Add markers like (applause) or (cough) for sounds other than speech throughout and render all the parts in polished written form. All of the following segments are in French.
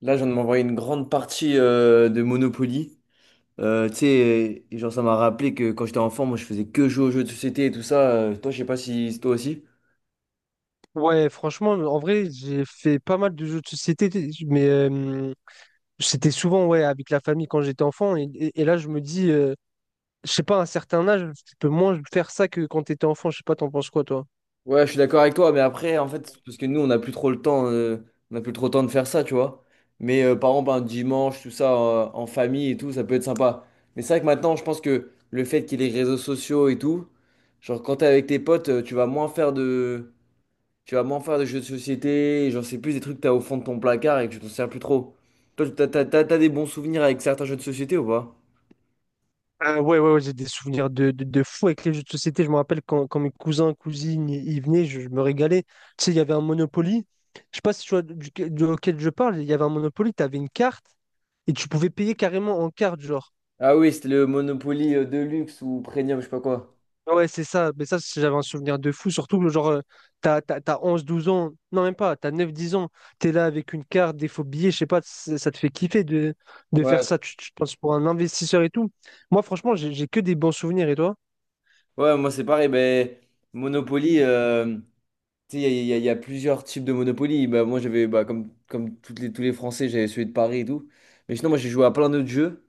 Là, je viens de m'envoyer une grande partie de Monopoly. Tu sais, et genre, ça m'a rappelé que quand j'étais enfant, moi, je faisais que jouer aux jeux de société et tout ça. Toi, je sais pas si c'est toi aussi. Ouais, franchement, en vrai, j'ai fait pas mal de jeux de société, mais c'était souvent ouais, avec la famille quand j'étais enfant. Et là, je me dis, je sais pas, à un certain âge, tu peux moins faire ça que quand t'étais enfant. Je sais pas, t'en penses quoi, toi? Ouais, je suis d'accord avec toi, mais après, en fait, parce que nous, on n'a plus trop le temps, on n'a plus trop le temps de faire ça, tu vois. Mais par exemple, un dimanche, tout ça, en famille et tout, ça peut être sympa. Mais c'est vrai que maintenant, je pense que le fait qu'il y ait les réseaux sociaux et tout, genre, quand t'es avec tes potes, tu vas moins faire de Tu vas moins faire de jeux de société, et j'en sais plus, des trucs que t'as au fond de ton placard et que tu t'en sers plus trop. Toi, t'as des bons souvenirs avec certains jeux de société ou pas? Ouais, ouais, ouais, j'ai des souvenirs de fou avec les jeux de société. Je me rappelle quand mes cousins, cousines, ils venaient, je me régalais. Tu sais, il y avait un Monopoly. Je sais pas si tu vois auquel je parle, il y avait un Monopoly, t'avais une carte et tu pouvais payer carrément en carte, genre. Ah oui, c'était le Monopoly Deluxe ou Premium, je sais pas quoi. Ah ouais, c'est ça. Mais ça, j'avais un souvenir de fou. Surtout que, genre, t'as 11 12 ans. Non, même pas. T'as 9 10 ans. T'es là avec une carte, des faux billets. Je sais pas, ça te fait kiffer de faire Ouais. ça. Tu penses pour un investisseur et tout. Moi, franchement, j'ai que des bons souvenirs. Et toi? Ouais, moi c'est pareil, ben Monopoly, tu sais, il y, a il y a- il y a plusieurs types de Monopoly. Bah, moi j'avais, bah, comme toutes les, tous les Français, j'avais celui de Paris et tout. Mais sinon, moi j'ai joué à plein d'autres jeux.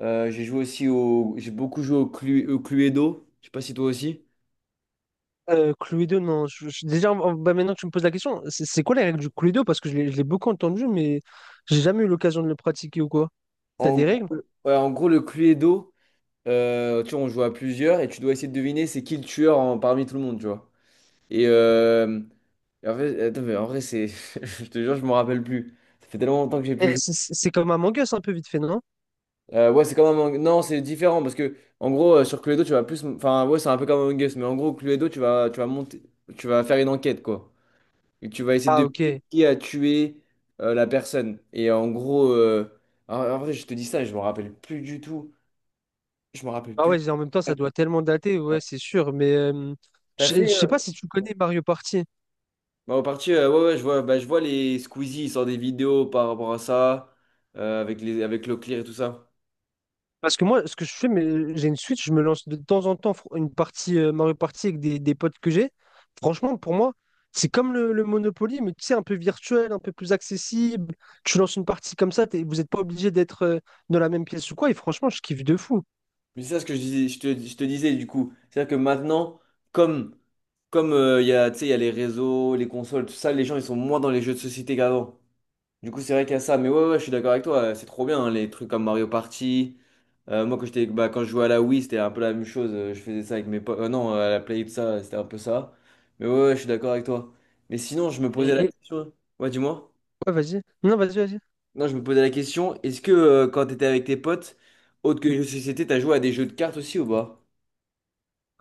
J'ai joué aussi au. J'ai beaucoup joué au, au Cluedo. Je sais pas si toi aussi. Cluedo, non. Déjà, bah, maintenant que tu me poses la question, c'est quoi les règles du Cluedo? Parce que je l'ai beaucoup entendu, mais j'ai jamais eu l'occasion de le pratiquer ou quoi. T'as En des gros, règles? ouais, en gros, le Cluedo. Tu vois, on joue à plusieurs et tu dois essayer de deviner c'est qui le tueur parmi tout le monde, tu vois. Et, euh, et en fait, attends, mais en vrai, c'est. (laughs) Je te jure, je m'en rappelle plus. Ça fait tellement longtemps que j'ai Eh, plus joué. c'est comme un Us un peu vite fait, non? Ouais, c'est comme un. Non, c'est différent parce que, en gros, sur Cluedo, tu vas plus. Enfin, ouais, c'est un peu comme Among Us, mais en gros, Cluedo, tu vas monter. Tu vas faire une enquête, quoi. Et tu vas essayer Ah, de deviner ok. qui a tué la personne. Et en gros. En, en vrai, je te dis ça et je m'en rappelle plus du tout. Je m'en rappelle Ah plus. ouais, en même temps, ça doit tellement dater, ouais, Ouais. c'est sûr. Mais T'as je fait. sais pas si tu connais Mario Party. Bah, en partie, ouais, ouais, je vois, bah, je vois les Squeezie, ils sortent des vidéos par rapport à ça, avec les, avec Leclerc et tout ça. Parce que moi, ce que je fais, mais j'ai une Switch, je me lance de temps en temps une partie Mario Party avec des potes que j'ai. Franchement, pour moi, c'est comme le Monopoly, mais tu sais, un peu virtuel, un peu plus accessible. Tu lances une partie comme ça, vous n'êtes pas obligé d'être dans la même pièce ou quoi. Et franchement, je kiffe de fou. Mais c'est ça ce que je disais, je te disais du coup. C'est-à-dire que maintenant, comme, comme il y a, tu sais, il y a les réseaux, les consoles, tout ça, les gens ils sont moins dans les jeux de société qu'avant. Du coup, c'est vrai qu'il y a ça. Mais ouais, ouais, je suis d'accord avec toi, c'est trop bien, hein, les trucs comme Mario Party. Moi, quand j'étais, bah, quand je jouais à la Wii, c'était un peu la même chose. Je faisais ça avec mes potes. Non, à la Play, tout ça, c'était un peu ça. Mais ouais, ouais, je suis d'accord avec toi. Mais sinon, je me posais la Et, et- question. Ouais, dis-moi. Ouais, vas-y. Non, vas-y. Non, je me posais la question, est-ce que quand t'étais avec tes potes, autre que les jeux de société, t'as joué à des jeux de cartes aussi ou pas?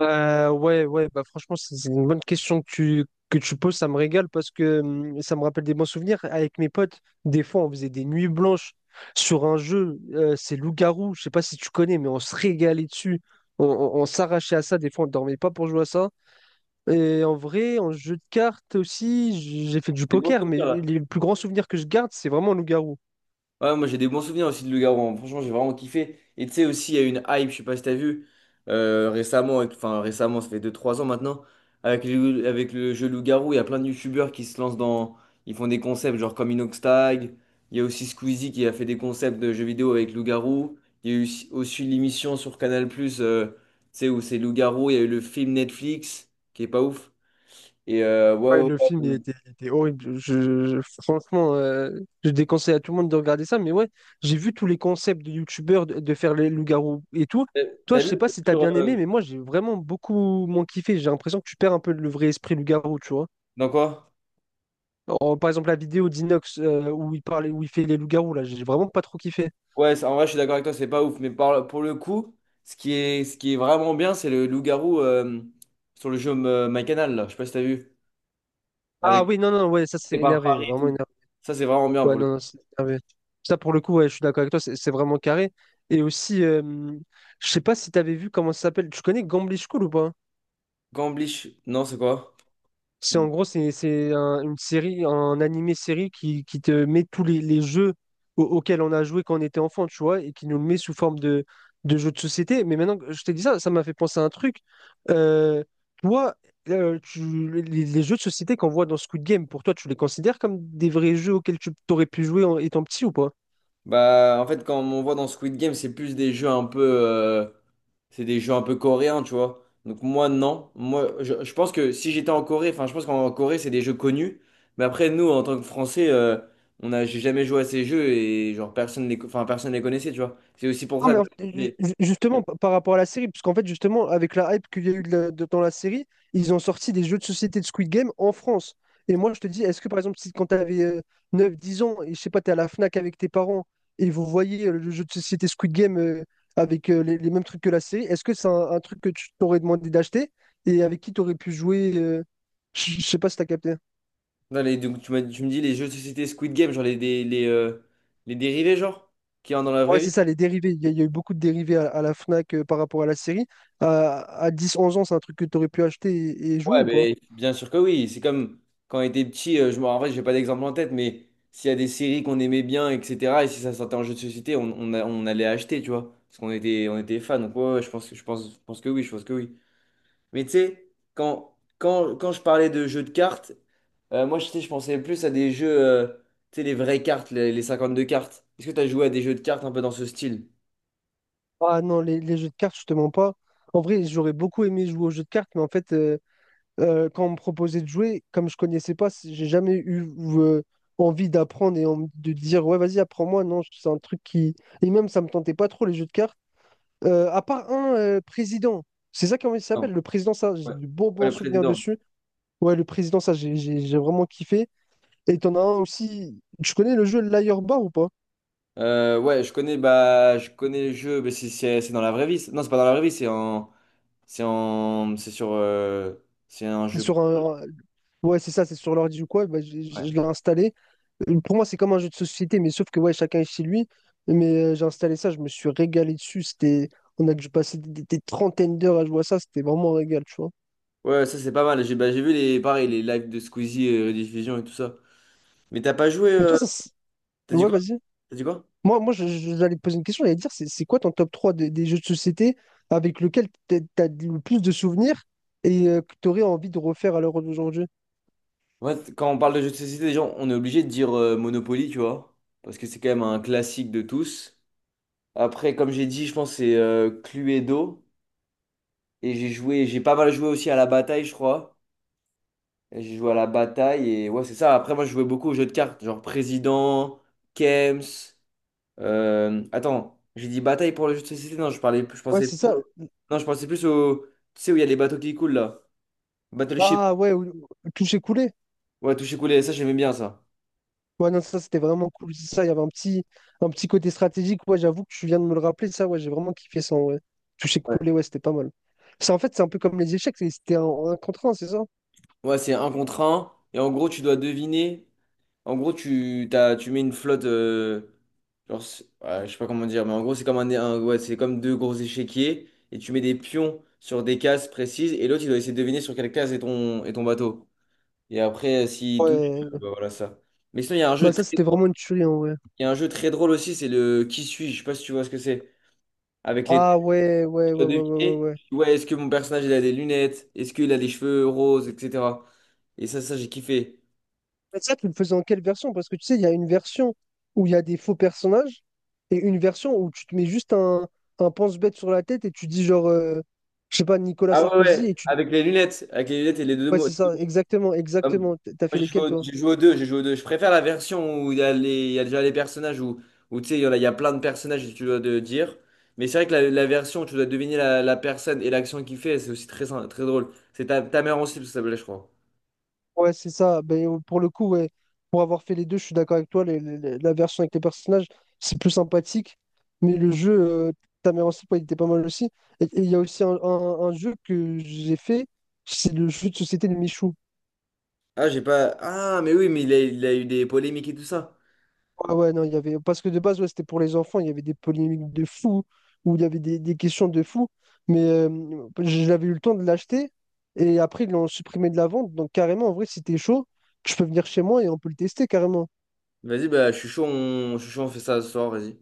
Ouais, ouais, bah franchement, c'est une bonne question que tu poses, ça me régale parce que ça me rappelle des bons souvenirs. Avec mes potes, des fois, on faisait des nuits blanches sur un jeu, c'est Loup-garou, je sais pas si tu connais, mais on se régalait dessus. On s'arrachait à ça, des fois, on dormait pas pour jouer à ça. Et en vrai, en jeu de cartes aussi, j'ai fait du C'est bon, poker, mais ça les plus grands souvenirs que je garde, c'est vraiment Loup-garou. Ouais, moi j'ai des bons souvenirs aussi de Le Garon. Franchement, j'ai vraiment kiffé. Et tu sais aussi, il y a eu une hype, je sais pas si t'as vu, récemment, enfin récemment, ça fait deux trois ans maintenant, avec le jeu Loup-Garou, il y a plein de youtubeurs qui se lancent dans. Ils font des concepts genre comme Inoxtag. Il y a aussi Squeezie qui a fait des concepts de jeux vidéo avec Loup-Garou. Il y a eu aussi l'émission sur Canal+, tu sais, où c'est Loup-Garou. Il y a eu le film Netflix, qui est pas ouf. Et ouais, Ouais, ouais, le film, ouais. Il était horrible. Franchement, je déconseille à tout le monde de regarder ça. Mais ouais, j'ai vu tous les concepts de youtubeurs de faire les loups-garous et tout. T'as Toi, t'as je vu sais le pas truc si t'as sur. bien aimé, mais moi, j'ai vraiment beaucoup moins kiffé. J'ai l'impression que tu perds un peu le vrai esprit loup-garou, tu vois. Dans quoi? Par exemple, la vidéo d'Inox où il parle, où il fait les loups-garous, là, j'ai vraiment pas trop kiffé. Ouais, en vrai, je suis d'accord avec toi, c'est pas ouf. Mais pour le coup, ce qui est vraiment bien, c'est le loup-garou sur le jeu My canal là. Je sais pas si t'as vu. Ah Avec oui, non, non, ouais, ça c'est c'est par énervé, Farid et vraiment tout. énervé. Ça, c'est vraiment bien Ouais, pour le coup. non, non, c'est carré. Ça, pour le coup, ouais, je suis d'accord avec toi, c'est vraiment carré. Et aussi, je sais pas si t'avais vu comment ça s'appelle. Tu connais Gambling School ou pas? Gamblish, non, c'est quoi? C'est en gros, c'est une série, un animé-série qui te met tous les jeux auxquels on a joué quand on était enfant, tu vois, et qui nous le met sous forme de jeux de société. Mais maintenant que je t'ai dit ça, ça m'a fait penser à un truc. Euh, toi, les jeux de société qu'on voit dans Squid Game, pour toi, tu les considères comme des vrais jeux auxquels tu t'aurais pu jouer en étant petit ou pas? Bah, en fait, quand on voit dans Squid Game, c'est plus des jeux un peu, c'est des jeux un peu coréens, tu vois. Donc moi, non. Moi, je pense que si j'étais en Corée, enfin, je pense qu'en Corée, c'est des jeux connus. Mais après, nous, en tant que Français, on a, j'ai jamais joué à ces jeux et genre personne les, enfin, personne les connaissait, tu vois. C'est aussi pour Non, ça mais que en fait, les- justement, par rapport à la série, parce qu'en fait, justement, avec la hype qu'il y a eu dans la série, ils ont sorti des jeux de société de Squid Game en France. Et moi, je te dis, est-ce que par exemple, si quand tu avais 9-10 ans et je sais pas, tu es à la FNAC avec tes parents et vous voyez le jeu de société Squid Game avec les mêmes trucs que la série, est-ce que c'est un truc que tu t'aurais demandé d'acheter et avec qui tu aurais pu jouer Je sais pas si tu as capté. dans les- donc, tu me dis les jeux de société Squid Game, genre les dérivés, genre, qu'il y a dans la vraie Ouais, c'est vie. ça, les dérivés. Il y a eu beaucoup de dérivés à la Fnac par rapport à la série. À 10-11 ans, c'est un truc que tu aurais pu acheter et jouer Ouais, ou pas? mais bien sûr que oui. C'est comme quand on était petit, je me en vrai, j'ai pas d'exemple en tête, mais s'il y a des séries qu'on aimait bien, etc., et si ça sortait en jeu de société, on allait acheter, tu vois, parce qu'on était, on était fans. Donc, ouais, ouais, je pense que oui, je pense que oui. Mais tu sais, quand je parlais de jeux de cartes, moi, je sais, je pensais plus à des jeux, tu sais, les vraies cartes, les 52 cartes. Est-ce que tu as joué à des jeux de cartes un peu dans ce style? Ah non, les jeux de cartes, justement pas. En vrai, j'aurais beaucoup aimé jouer aux jeux de cartes, mais en fait, quand on me proposait de jouer, comme je connaissais pas, j'ai jamais eu euh, envie d'apprendre et de dire ouais, vas-y, apprends-moi. Non, c'est un truc qui. Et même, ça me tentait pas trop les jeux de cartes. À part un président, c'est ça comment il Non. s'appelle, le président, ça, j'ai Ouais, de bons Ouais, bons le souvenirs président. dessus. Ouais, le président, ça, j'ai vraiment kiffé. Et t'en as un aussi. Tu connais le jeu Liar Bar ou pas? Ouais, je connais, bah, je connais le jeu, mais c'est dans la vraie vie. Non, c'est pas dans la vraie vie, c'est en, c'est sur, c'est un C'est jeu. sur un, Ouais, c'est ça, c'est sur l'ordi ou quoi, bah, Ouais, je l'ai installé. Pour moi, c'est comme un jeu de société, mais sauf que ouais, chacun est chez lui. Mais j'ai installé ça, je me suis régalé dessus. C'était... On a dû passer des 30aines d'heures à jouer à ça, c'était vraiment un régal, tu vois. ouais, ça c'est pas mal. J'ai, bah, j'ai vu les, pareil, les lives de Squeezie, rediffusion et tout ça. Mais t'as pas joué, Mais toi, t'as dit Ouais, quoi? vas-y. T'as dit quoi? Moi, j'allais te poser une question, j'allais te dire, c'est quoi ton top 3 des jeux de société avec lequel t'as le plus de souvenirs et que t'aurais envie de refaire à l'heure d'aujourd'hui? Ouais, quand on parle de jeux de société, les gens, on est obligé de dire Monopoly, tu vois, parce que c'est quand même un classique de tous. Après, comme j'ai dit, je pense que c'est Cluedo, et j'ai joué, j'ai pas mal joué aussi à la bataille, je crois. Et J'ai joué à la bataille et ouais, c'est ça. Après, moi, je jouais beaucoup aux jeux de cartes, genre président, Kems. Attends, j'ai dit bataille pour le jeu de société. Non, je parlais, je Ouais, pensais c'est plus ça. au... Non, je pensais plus au. Tu sais où il y a les bateaux qui coulent là? Battleship. Ah ouais, ou- toucher coulé. Ouais, toucher couler, ça, j'aimais bien ça. Ouais, non, ça c'était vraiment cool. C'est ça, il y avait un petit côté stratégique. Ouais, j'avoue que tu viens de me le rappeler. Ça, ouais, j'ai vraiment kiffé ça. Ouais. Toucher Ouais, coulé, ouais, c'était pas mal. C'est un peu comme les échecs. C'était un contre un, c'est ça? Ouais, c'est un contre un. Et en gros, tu dois deviner En gros, tu mets une flotte. Genre, ouais, je sais pas comment dire, mais en gros, c'est comme, ouais, c'est comme deux gros échiquiers et tu mets des pions sur des cases précises et l'autre, il doit essayer de deviner sur quelle case est ton bateau. Et après, s'il doute, Ouais. bah voilà ça. Mais sinon, il y a un jeu Bah, ça, très c'était drôle, vraiment une tuerie, en vrai. Il y a un jeu très drôle aussi, c'est le Qui suis-je? Je sais pas si tu vois ce que c'est. Avec les Ah, têtes, tu dois ouais. deviner. Ouais. Ouais, est-ce que mon personnage, il a des lunettes? Est-ce qu'il a des cheveux roses, etc. Et ça, j'ai kiffé. Mais ça, tu le faisais en quelle version? Parce que tu sais, il y a une version où il y a des faux personnages et une version où tu te mets juste un pense-bête sur la tête et tu dis, genre, je sais pas, Nicolas Ah ouais, Sarkozy et ouais, tu. avec les lunettes, et les deux Ouais, mots. c'est ça, exactement, Moi, exactement. T'as fait J'ai joué, lesquels, au toi? j'ai joué aux deux, j'ai joué aux deux. Je préfère la version où il y a les, il y a déjà les personnages où, où tu sais, il y a plein de personnages et tu dois de dire. Mais c'est vrai que la version où tu dois deviner la, la personne et l'action qu'il fait, c'est aussi très, très drôle. C'est ta, ta mère aussi, parce que ça s'appelait, je crois. Ouais, c'est ça. Ben, pour le coup, ouais, pour avoir fait les deux, je suis d'accord avec toi. La version avec les personnages, c'est plus sympathique. Mais le jeu, euh, ta mère en slip, ouais, il était pas mal aussi. Et il y a aussi un jeu que j'ai fait, c'est le jeu de société de Michou. Ah, j'ai pas. Ah, mais oui, mais il a eu des polémiques et tout ça. Ah ouais, non, il y avait... Parce que de base, ouais, c'était pour les enfants, il y avait des polémiques de fou, où il y avait des questions de fou, mais j'avais eu le temps de l'acheter, et après, ils l'ont supprimé de la vente, donc carrément, en vrai, si t'es chaud, je peux venir chez moi et on peut le tester carrément. Vas-y, bah, je suis chaud, je suis chaud, on fait ça ce soir, vas-y.